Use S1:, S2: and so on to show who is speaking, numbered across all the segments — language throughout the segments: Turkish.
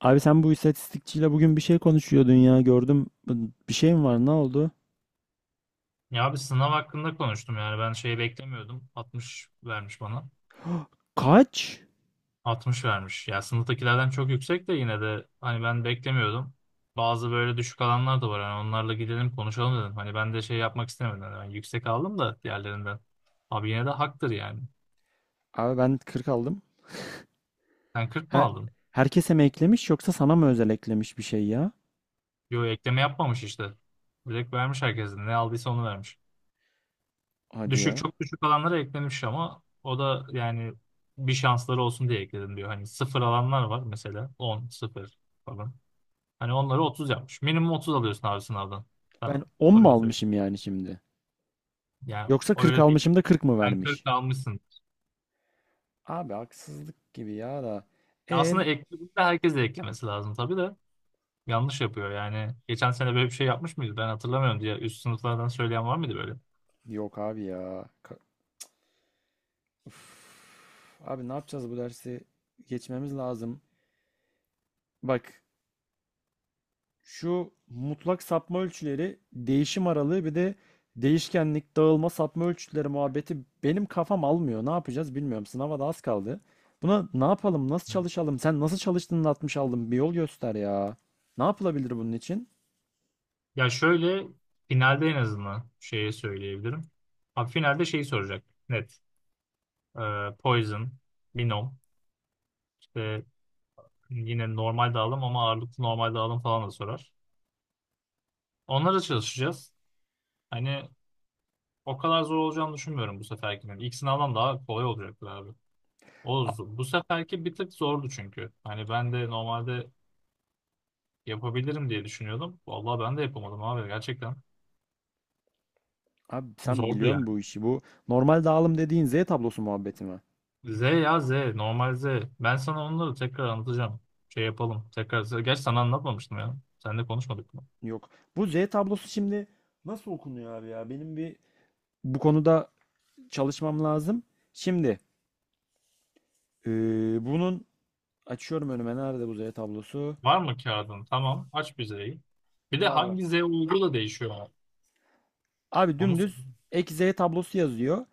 S1: Abi sen bu istatistikçiyle bugün bir şey konuşuyordun ya gördüm. Bir şey mi var? Ne oldu?
S2: Ya abi sınav hakkında konuştum yani ben şey beklemiyordum. 60 vermiş bana.
S1: Kaç?
S2: 60 vermiş. Ya sınıftakilerden çok yüksek de yine de hani ben beklemiyordum. Bazı böyle düşük alanlar da var. Hani onlarla gidelim konuşalım dedim. Hani ben de şey yapmak istemedim. Ben yüksek aldım da diğerlerinden. Abi yine de haktır yani.
S1: Abi ben 40 aldım.
S2: Sen 40 mı
S1: Her,
S2: aldın?
S1: herkese mi eklemiş yoksa sana mı özel eklemiş bir şey ya?
S2: Yo ekleme yapmamış işte. Direkt vermiş herkesin. Ne aldıysa onu vermiş.
S1: Hadi
S2: Düşük
S1: ya.
S2: çok düşük alanlara eklenmiş ama o da yani bir şansları olsun diye ekledim diyor. Hani sıfır alanlar var mesela 10, sıfır falan. Hani onları 30 yapmış. Minimum 30 alıyorsun abi sınavdan.
S1: Ben
S2: Tamam.
S1: 10 mu
S2: Öyle söyleyeyim.
S1: almışım yani şimdi?
S2: Yani
S1: Yoksa 40
S2: öyle değil.
S1: almışım da 40 mı
S2: Sen 40
S1: vermiş?
S2: almışsın.
S1: Abi haksızlık gibi ya da.
S2: Ya
S1: En
S2: aslında eklediğinde herkes de eklemesi lazım tabii de. Yanlış yapıyor yani. Geçen sene böyle bir şey yapmış mıydı? Ben hatırlamıyorum diye üst sınıflardan söyleyen var mıydı böyle?
S1: Yok abi ya. Uf. Abi ne yapacağız bu dersi? Geçmemiz lazım. Bak, şu mutlak sapma ölçüleri, değişim aralığı bir de değişkenlik, dağılma, sapma ölçütleri muhabbeti benim kafam almıyor. Ne yapacağız bilmiyorum. Sınava da az kaldı. Buna ne yapalım, nasıl çalışalım? Sen nasıl çalıştığını atmış aldın. Bir yol göster ya. Ne yapılabilir bunun için?
S2: Ya şöyle, finalde en azından şeye söyleyebilirim. Abi finalde şeyi soracak. Net. Poison, Binom, işte yine normal dağılım ama ağırlıklı normal dağılım falan da sorar. Onlara çalışacağız. Hani o kadar zor olacağını düşünmüyorum bu seferkinin. İlk sınavdan daha kolay olacaktır abi. O,
S1: A-
S2: bu seferki bir tık zordu çünkü. Hani ben de normalde yapabilirim diye düşünüyordum. Vallahi ben de yapamadım abi gerçekten.
S1: Abi sen
S2: Zordu
S1: biliyorsun
S2: yani.
S1: bu işi. Bu normal dağılım dediğin Z tablosu muhabbeti mi?
S2: Z ya Z, normal Z. Ben sana onları tekrar anlatacağım. Şey yapalım. Tekrar. Gerçi sana anlatmamıştım ya. Seninle konuşmadık.
S1: Yok. Bu Z tablosu şimdi nasıl okunuyor abi ya? Benim bir bu konuda çalışmam lazım. Şimdi eee, bunun açıyorum önüme. Nerede bu Z tablosu?
S2: Var mı kağıdın? Tamam. Aç bir Z'yi. Bir de
S1: Var, var.
S2: hangi Z uygu da değişiyor ama.
S1: Abi
S2: Onu sor.
S1: dümdüz ek Z tablosu yazıyor.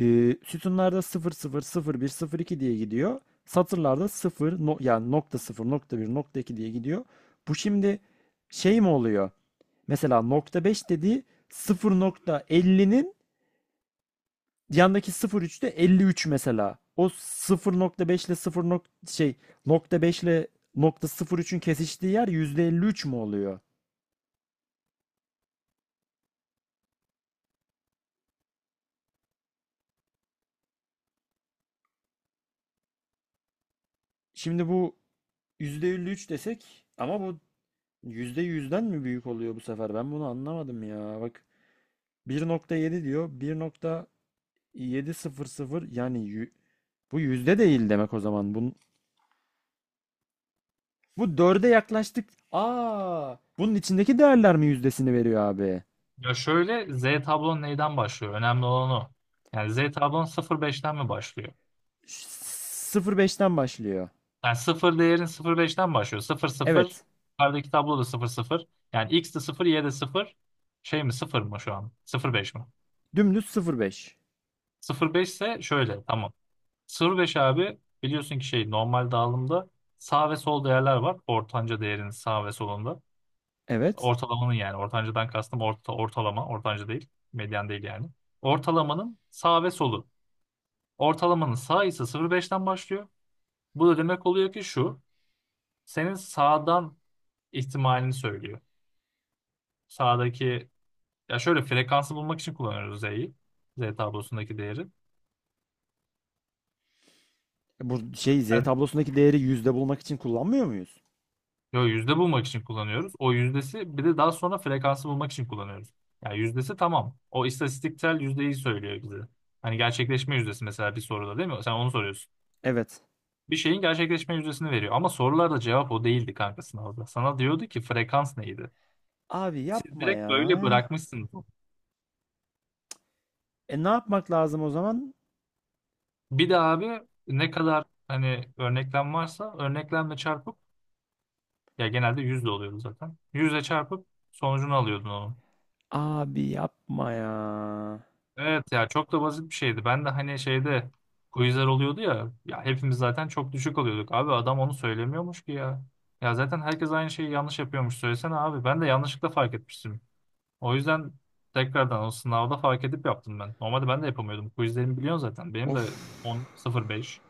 S1: Sütunlarda sıfır sıfır, sıfır bir, sıfır iki diye gidiyor. Satırlarda sıfır yani nokta sıfır, nokta bir, nokta 2 diye gidiyor. Bu şimdi şey mi oluyor? Mesela nokta 5 dediği 0.50'nin yandaki sıfır nokta üçte 53 mesela. O 0.5 ile sıfır şey nokta 5 ile nokta sıfır üçün kesiştiği yer %53 mü oluyor? Şimdi bu %53 desek ama bu %100'den mi büyük oluyor bu sefer? Ben bunu anlamadım ya. Bak, 1.7 diyor. 1.700 yani bu yüzde değil demek o zaman. Bu dörde yaklaştık. Aa, bunun içindeki değerler mi yüzdesini veriyor abi?
S2: Ya şöyle, Z tablon neyden başlıyor? Önemli olan o. Yani Z tablon sıfır beşten mi başlıyor?
S1: Beşten başlıyor.
S2: Yani sıfır değerin sıfır beşten başlıyor. Sıfır sıfır.
S1: Evet.
S2: Yukarıdaki tablo da sıfır sıfır. Yani X de sıfır Y de sıfır. Şey mi sıfır mı şu an? Sıfır beş mi?
S1: Dümdüz sıfır virgül beş.
S2: Sıfır beş ise şöyle tamam. Sıfır beş abi biliyorsun ki şey normal dağılımda sağ ve sol değerler var. Ortanca değerinin sağ ve solunda.
S1: Evet.
S2: Ortalamanın, yani ortancadan kastım orta, ortalama, ortanca değil, medyan değil yani. Ortalamanın sağ ve solu. Ortalamanın sağ ise sıfır virgül beşten başlıyor. Bu da demek oluyor ki şu, senin sağdan ihtimalini söylüyor. Sağdaki, ya şöyle, frekansı bulmak için kullanıyoruz Z'yi. Z tablosundaki değeri.
S1: E, bu şey Z
S2: Yani,
S1: tablosundaki değeri yüzde bulmak için kullanmıyor muyuz?
S2: yo, yüzde bulmak için kullanıyoruz. O yüzdesi bir de daha sonra frekansı bulmak için kullanıyoruz. Yani yüzdesi tamam. O istatistiksel yüzdeyi söylüyor bize. Hani gerçekleşme yüzdesi mesela bir soruda değil mi? Sen onu soruyorsun.
S1: Evet.
S2: Bir şeyin gerçekleşme yüzdesini veriyor. Ama sorularda cevap o değildi kanka sınavda. Sana diyordu ki frekans neydi?
S1: Abi
S2: Siz
S1: yapma
S2: direkt
S1: ya.
S2: böyle bırakmışsınız.
S1: E, ne yapmak lazım o zaman?
S2: Bir de abi ne kadar hani örneklem varsa örneklemle çarpıp, ya genelde yüzde oluyordu zaten. Yüzle çarpıp sonucunu alıyordun onun.
S1: Abi yapma ya.
S2: Evet ya, çok da basit bir şeydi. Ben de hani şeyde quizler oluyordu ya, ya hepimiz zaten çok düşük alıyorduk. Abi adam onu söylemiyormuş ki ya. Ya zaten herkes aynı şeyi yanlış yapıyormuş söylesene abi. Ben de yanlışlıkla fark etmiştim. O yüzden tekrardan o sınavda fark edip yaptım ben. Normalde ben de yapamıyordum. Quizlerimi biliyorsun zaten. Benim
S1: Of.
S2: de 10.05.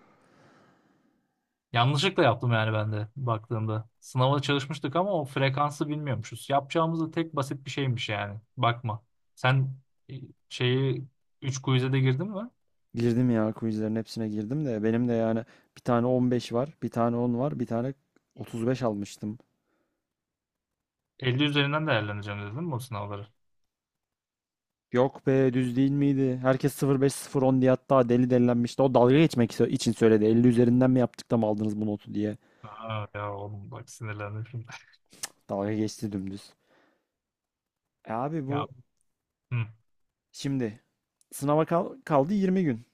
S2: Yanlışlıkla yaptım yani ben de baktığımda. Sınava çalışmıştık ama o frekansı bilmiyormuşuz. Yapacağımız da tek basit bir şeymiş yani. Bakma. Sen e, şeyi 3 quiz'e de girdin mi?
S1: Girdim ya, quizlerin hepsine girdim de benim de yani bir tane 15 var, bir tane 10 var, bir tane 35 almıştım.
S2: 50 üzerinden değerlendireceğim dedin mi o sınavları?
S1: Yok be, düz değil miydi? Herkes 05 010 diye hatta deli delilenmişti. O dalga geçmek için söyledi. 50 üzerinden mi yaptık da mı aldınız bu notu diye.
S2: Aa, ya oğlum bak sinirlendim şimdi.
S1: Dalga geçti dümdüz. E, abi
S2: Ya,
S1: bu
S2: hı.
S1: şimdi sınava kaldı 20 gün.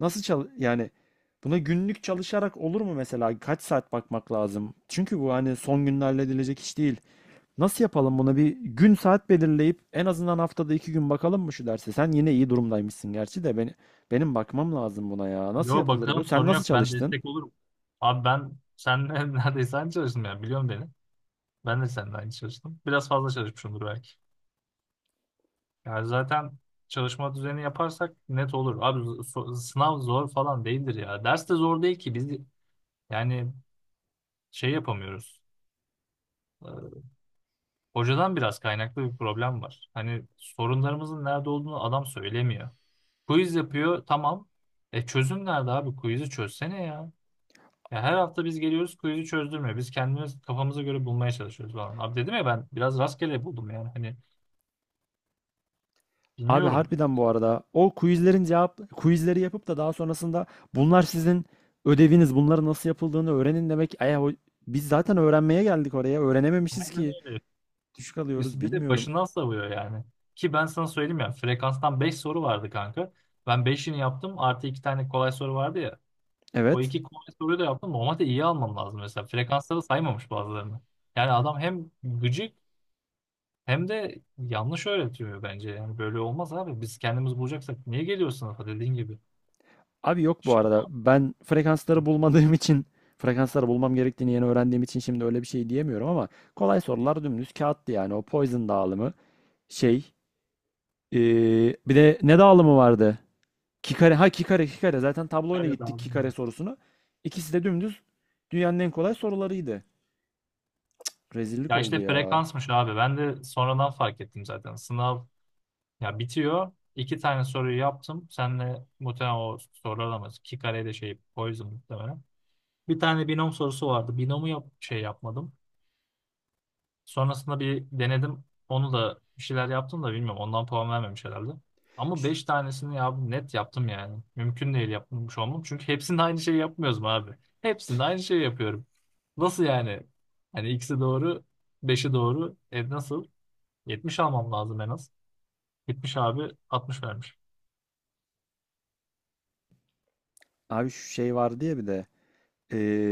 S1: Nasıl yani buna günlük çalışarak olur mu mesela? Kaç saat bakmak lazım? Çünkü bu hani son günde halledilecek iş değil. Nasıl yapalım, buna bir gün saat belirleyip en azından haftada 2 gün bakalım mı şu derse? Sen yine iyi durumdaymışsın gerçi de benim bakmam lazım buna ya. Nasıl
S2: Yo
S1: yapılır bu?
S2: bakalım
S1: Sen
S2: sorun
S1: nasıl
S2: yok. Ben
S1: çalıştın?
S2: destek olurum. Abi ben senle neredeyse aynı çalıştım ya. Biliyorum beni. Ben de seninle aynı çalıştım. Biraz fazla çalışmışımdır belki. Yani zaten çalışma düzeni yaparsak net olur. Abi sınav zor falan değildir ya. Ders de zor değil ki. Biz yani şey yapamıyoruz. Ee, Hocadan biraz kaynaklı bir problem var. Hani sorunlarımızın nerede olduğunu adam söylemiyor. Quiz yapıyor tamam. E çözüm nerede abi? Quiz'i çözsene ya. Ya her hafta biz geliyoruz quiz'i çözdürmüyor. Biz kendimiz kafamıza göre bulmaya çalışıyoruz falan. Abi dedim ya ben biraz rastgele buldum yani. Hani
S1: Abi
S2: bilmiyorum.
S1: harbiden bu arada o quizlerin cevap quizleri yapıp da daha sonrasında bunlar sizin ödeviniz, bunları nasıl yapıldığını öğrenin demek. Ay, biz zaten öğrenmeye geldik oraya, öğrenememişiz
S2: Aynen
S1: ki
S2: öyle.
S1: düşük alıyoruz,
S2: Bir de
S1: bilmiyorum.
S2: başından savuyor yani. Ki ben sana söyleyeyim ya frekanstan 5 soru vardı kanka. Ben beşini yaptım, artı 2 tane kolay soru vardı ya. O
S1: Evet.
S2: iki kolay soruyu da yaptım. Normalde iyi almam lazım mesela. Frekansları saymamış bazılarını. Yani adam hem gıcık hem de yanlış öğretiyor bence. Yani böyle olmaz abi. Biz kendimiz bulacaksak niye geliyor sınıfa dediğin gibi.
S1: Abi yok bu
S2: Şey de
S1: arada. Ben frekansları bulmadığım için, frekansları bulmam gerektiğini yeni öğrendiğim için şimdi öyle bir şey diyemiyorum ama kolay sorular dümdüz kağıttı yani. O Poison dağılımı şey. ee, Bir de ne dağılımı vardı? Kikare. Ha, Kikare, Kikare. Zaten tabloyla
S2: Antalya'da
S1: gittik Kikare
S2: aldım.
S1: sorusunu. İkisi de dümdüz dünyanın en kolay sorularıydı. Rezillik
S2: Ya
S1: oldu
S2: işte
S1: ya.
S2: frekansmış abi. Ben de sonradan fark ettim zaten. Sınav ya bitiyor. İki tane soruyu yaptım. Senle muhtemelen o sorular alamaz. İki kare de şey o yüzden muhtemelen. Bir tane binom sorusu vardı. Binomu yap şey yapmadım. Sonrasında bir denedim. Onu da bir şeyler yaptım da bilmiyorum. Ondan puan vermemiş herhalde. Ama beş tanesini ya net yaptım yani. Mümkün değil yapmış olmam. Çünkü hepsinde aynı şeyi yapmıyoruz mu abi? Hepsinde aynı şeyi yapıyorum. Nasıl yani? Hani ikisi doğru, beşi doğru. E nasıl? 70 almam lazım en az. 70 abi, 60 vermiş.
S1: Abi şu şey vardı ya bir de.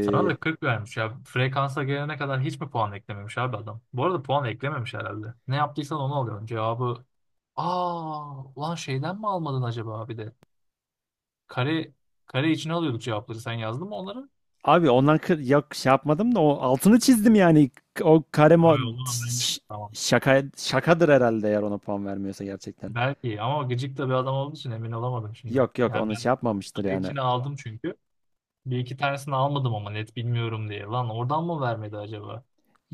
S2: Sana da 40 vermiş ya. Frekansa gelene kadar hiç mi puan eklememiş abi adam? Bu arada puan eklememiş herhalde. Ne yaptıysan onu alıyorsun. Cevabı, aa ulan şeyden mi almadın acaba abi de? Kare, kare içine alıyorduk cevapları. Sen yazdın mı onları? Yok,
S1: Abi ondan yok, şey yapmadım da o altını çizdim yani. O kare
S2: onu anlamıştım tamam.
S1: şaka şakadır herhalde eğer ona puan vermiyorsa gerçekten.
S2: Belki ama gıcık da bir adam olduğu için emin olamadım şimdi.
S1: Yok, yok,
S2: Yani
S1: onu
S2: ben
S1: şey yapmamıştır
S2: kare
S1: yani.
S2: içine aldım çünkü. Bir iki tanesini almadım ama net bilmiyorum diye. Lan oradan mı vermedi acaba?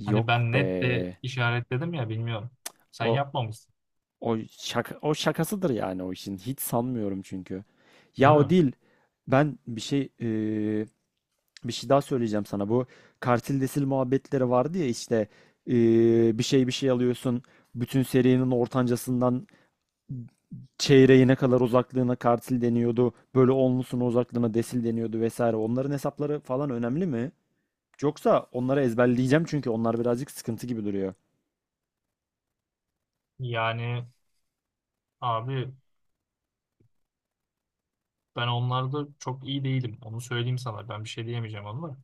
S2: Hani
S1: Yok
S2: ben net de
S1: be.
S2: işaretledim ya bilmiyorum. Sen
S1: O
S2: yapmamışsın
S1: o şaka, o şakasıdır yani o işin. Hiç sanmıyorum çünkü. Ya
S2: değil mi?
S1: o değil. Ben bir şey daha söyleyeceğim sana. Bu kartil desil muhabbetleri vardı ya işte bir şey alıyorsun. Bütün serinin ortancasından çeyreğine kadar uzaklığına kartil deniyordu. Böyle onlusuna uzaklığına desil deniyordu vesaire. Onların hesapları falan önemli mi? Yoksa onları ezberleyeceğim çünkü onlar birazcık sıkıntı gibi duruyor.
S2: Yani abi ben onlarda çok iyi değilim. Onu söyleyeyim sana. Ben bir şey diyemeyeceğim onu da.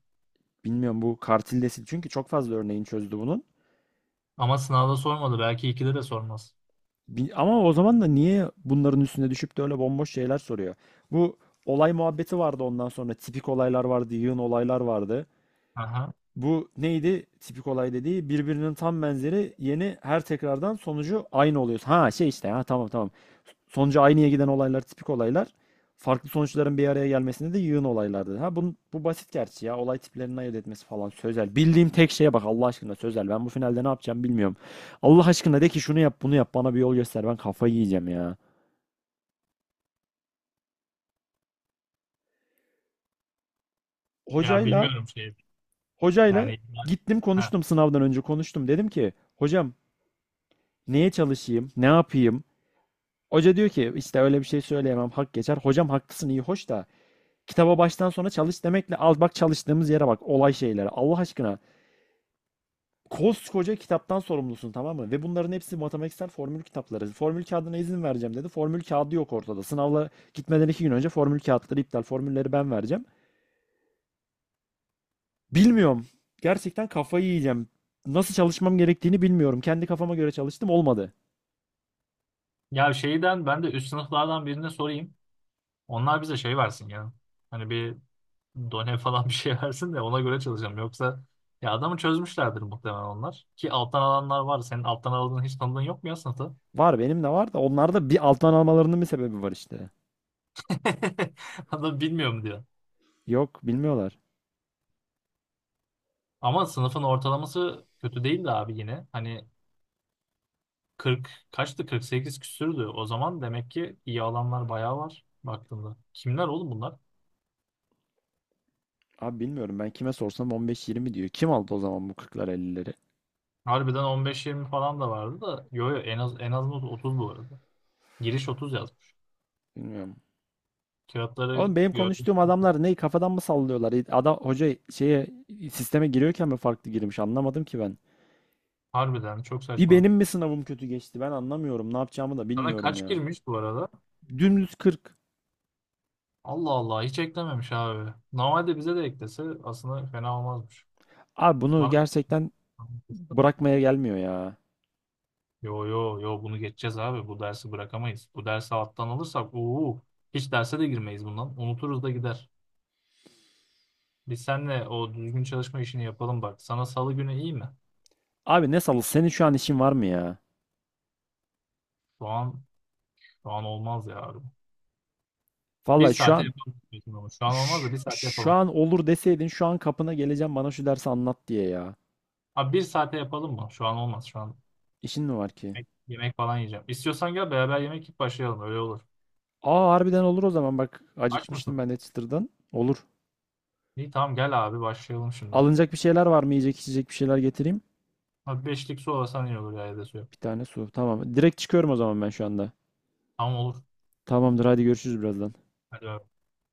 S1: Bilmiyorum bu kartil desil, çünkü çok fazla örneğin çözdü bunun.
S2: Ama sınavda sormadı. Belki ikide de sormaz.
S1: Ama o zaman da niye bunların üstüne düşüp de öyle bomboş şeyler soruyor? Bu olay muhabbeti vardı ondan sonra. Tipik olaylar vardı, yığın olaylar vardı.
S2: Aha.
S1: Bu neydi, tipik olay dediği birbirinin tam benzeri, yeni her tekrardan sonucu aynı oluyor. Ha şey, işte, ha, tamam, tamam. Sonucu aynıya giden olaylar tipik olaylar. Farklı sonuçların bir araya gelmesinde de yığın olaylardı. Ha bu basit gerçi ya. Olay tiplerini ayırt etmesi falan. Sözel. Bildiğim tek şeye bak Allah aşkına, sözel. Ben bu finalde ne yapacağım bilmiyorum. Allah aşkına, de ki şunu yap, bunu yap, bana bir yol göster. Ben kafayı yiyeceğim ya.
S2: Ya
S1: Hocayla
S2: bilmiyorum şeyi.
S1: hocayla
S2: Yani
S1: gittim
S2: ha.
S1: konuştum, sınavdan önce konuştum. Dedim ki hocam, neye çalışayım, ne yapayım? Hoca diyor ki işte öyle bir şey söyleyemem, hak geçer. Hocam haklısın, iyi hoş da kitaba baştan sona çalış demekle, al bak çalıştığımız yere, bak olay şeylere Allah aşkına. Koskoca kitaptan sorumlusun, tamam mı? Ve bunların hepsi matematiksel formül kitapları. Formül kağıdına izin vereceğim dedi. Formül kağıdı yok ortada. Sınavla gitmeden 2 gün önce formül kağıtları iptal. Formülleri ben vereceğim. Bilmiyorum. Gerçekten kafayı yiyeceğim. Nasıl çalışmam gerektiğini bilmiyorum. Kendi kafama göre çalıştım, olmadı.
S2: Ya şeyden, ben de üst sınıflardan birine sorayım. Onlar bize şey versin ya. Hani bir done falan bir şey versin de ona göre çalışalım. Yoksa ya adamı çözmüşlerdir muhtemelen onlar. Ki alttan alanlar var. Senin alttan aldığın hiç tanıdığın yok mu ya sınıfta?
S1: Var, benim de var da onlarda bir alttan almalarının bir sebebi var işte.
S2: Adam bilmiyorum diyor.
S1: Yok, bilmiyorlar.
S2: Ama sınıfın ortalaması kötü değil de abi yine. Hani 40 kaçtı? 48 küsürdü. O zaman demek ki iyi alanlar bayağı var baktığında. Kimler oğlum bunlar?
S1: Abi bilmiyorum, ben kime sorsam 15-20 diyor. Kim aldı o zaman bu 40'lar ellileri.
S2: Harbiden 15-20 falan da vardı da. Yo yo, en az 30 bu arada. Giriş 30 yazmış.
S1: Bilmiyorum.
S2: Kağıtları
S1: Oğlum benim
S2: gördüm.
S1: konuştuğum adamlar ne kafadan mı sallıyorlar? Adam hoca şeye, sisteme giriyorken mi farklı girmiş anlamadım ki ben.
S2: Harbiden çok
S1: Bir
S2: saçma.
S1: benim mi sınavım kötü geçti, ben anlamıyorum. Ne yapacağımı da
S2: Sana
S1: bilmiyorum
S2: kaç
S1: ya.
S2: girmiş bu arada?
S1: Dümdüz 40.
S2: Allah Allah, hiç eklememiş abi. Normalde bize de eklese aslında fena olmazmış.
S1: Abi bunu
S2: Bana
S1: gerçekten bırakmaya gelmiyor ya.
S2: yo yo yo, bunu geçeceğiz abi. Bu dersi bırakamayız. Bu dersi alttan alırsak uuu hiç derse de girmeyiz bundan. Unuturuz da gider. Biz seninle o düzgün çalışma işini yapalım bak. Sana salı günü iyi mi?
S1: Abi ne salı, senin şu an işin var mı ya?
S2: Şu an şu an olmaz ya abi. Bir
S1: Vallahi şu
S2: saate
S1: an,
S2: yapalım. Diyorsun ama şu an olmaz
S1: şu,
S2: da bir saate
S1: şu
S2: yapalım.
S1: an olur deseydin şu an kapına geleceğim bana şu dersi anlat diye ya.
S2: Abi bir saate yapalım mı? Şu an olmaz. Şu an
S1: İşin mi var ki?
S2: yemek falan yiyeceğim. İstiyorsan gel beraber yemek yiyip başlayalım. Öyle olur.
S1: Aa, harbiden olur o zaman, bak
S2: Aç mısın?
S1: acıkmıştım ben de çıtırdan. Olur.
S2: İyi tamam, gel abi başlayalım şimdi.
S1: Alınacak bir şeyler var mı? Yiyecek içecek bir şeyler getireyim.
S2: Abi beşlik su alsan iyi olur ya, ya da su yok.
S1: Bir tane su. Tamam. Direkt çıkıyorum o zaman ben şu anda.
S2: Tamam olur.
S1: Tamamdır, hadi görüşürüz birazdan.
S2: Hadi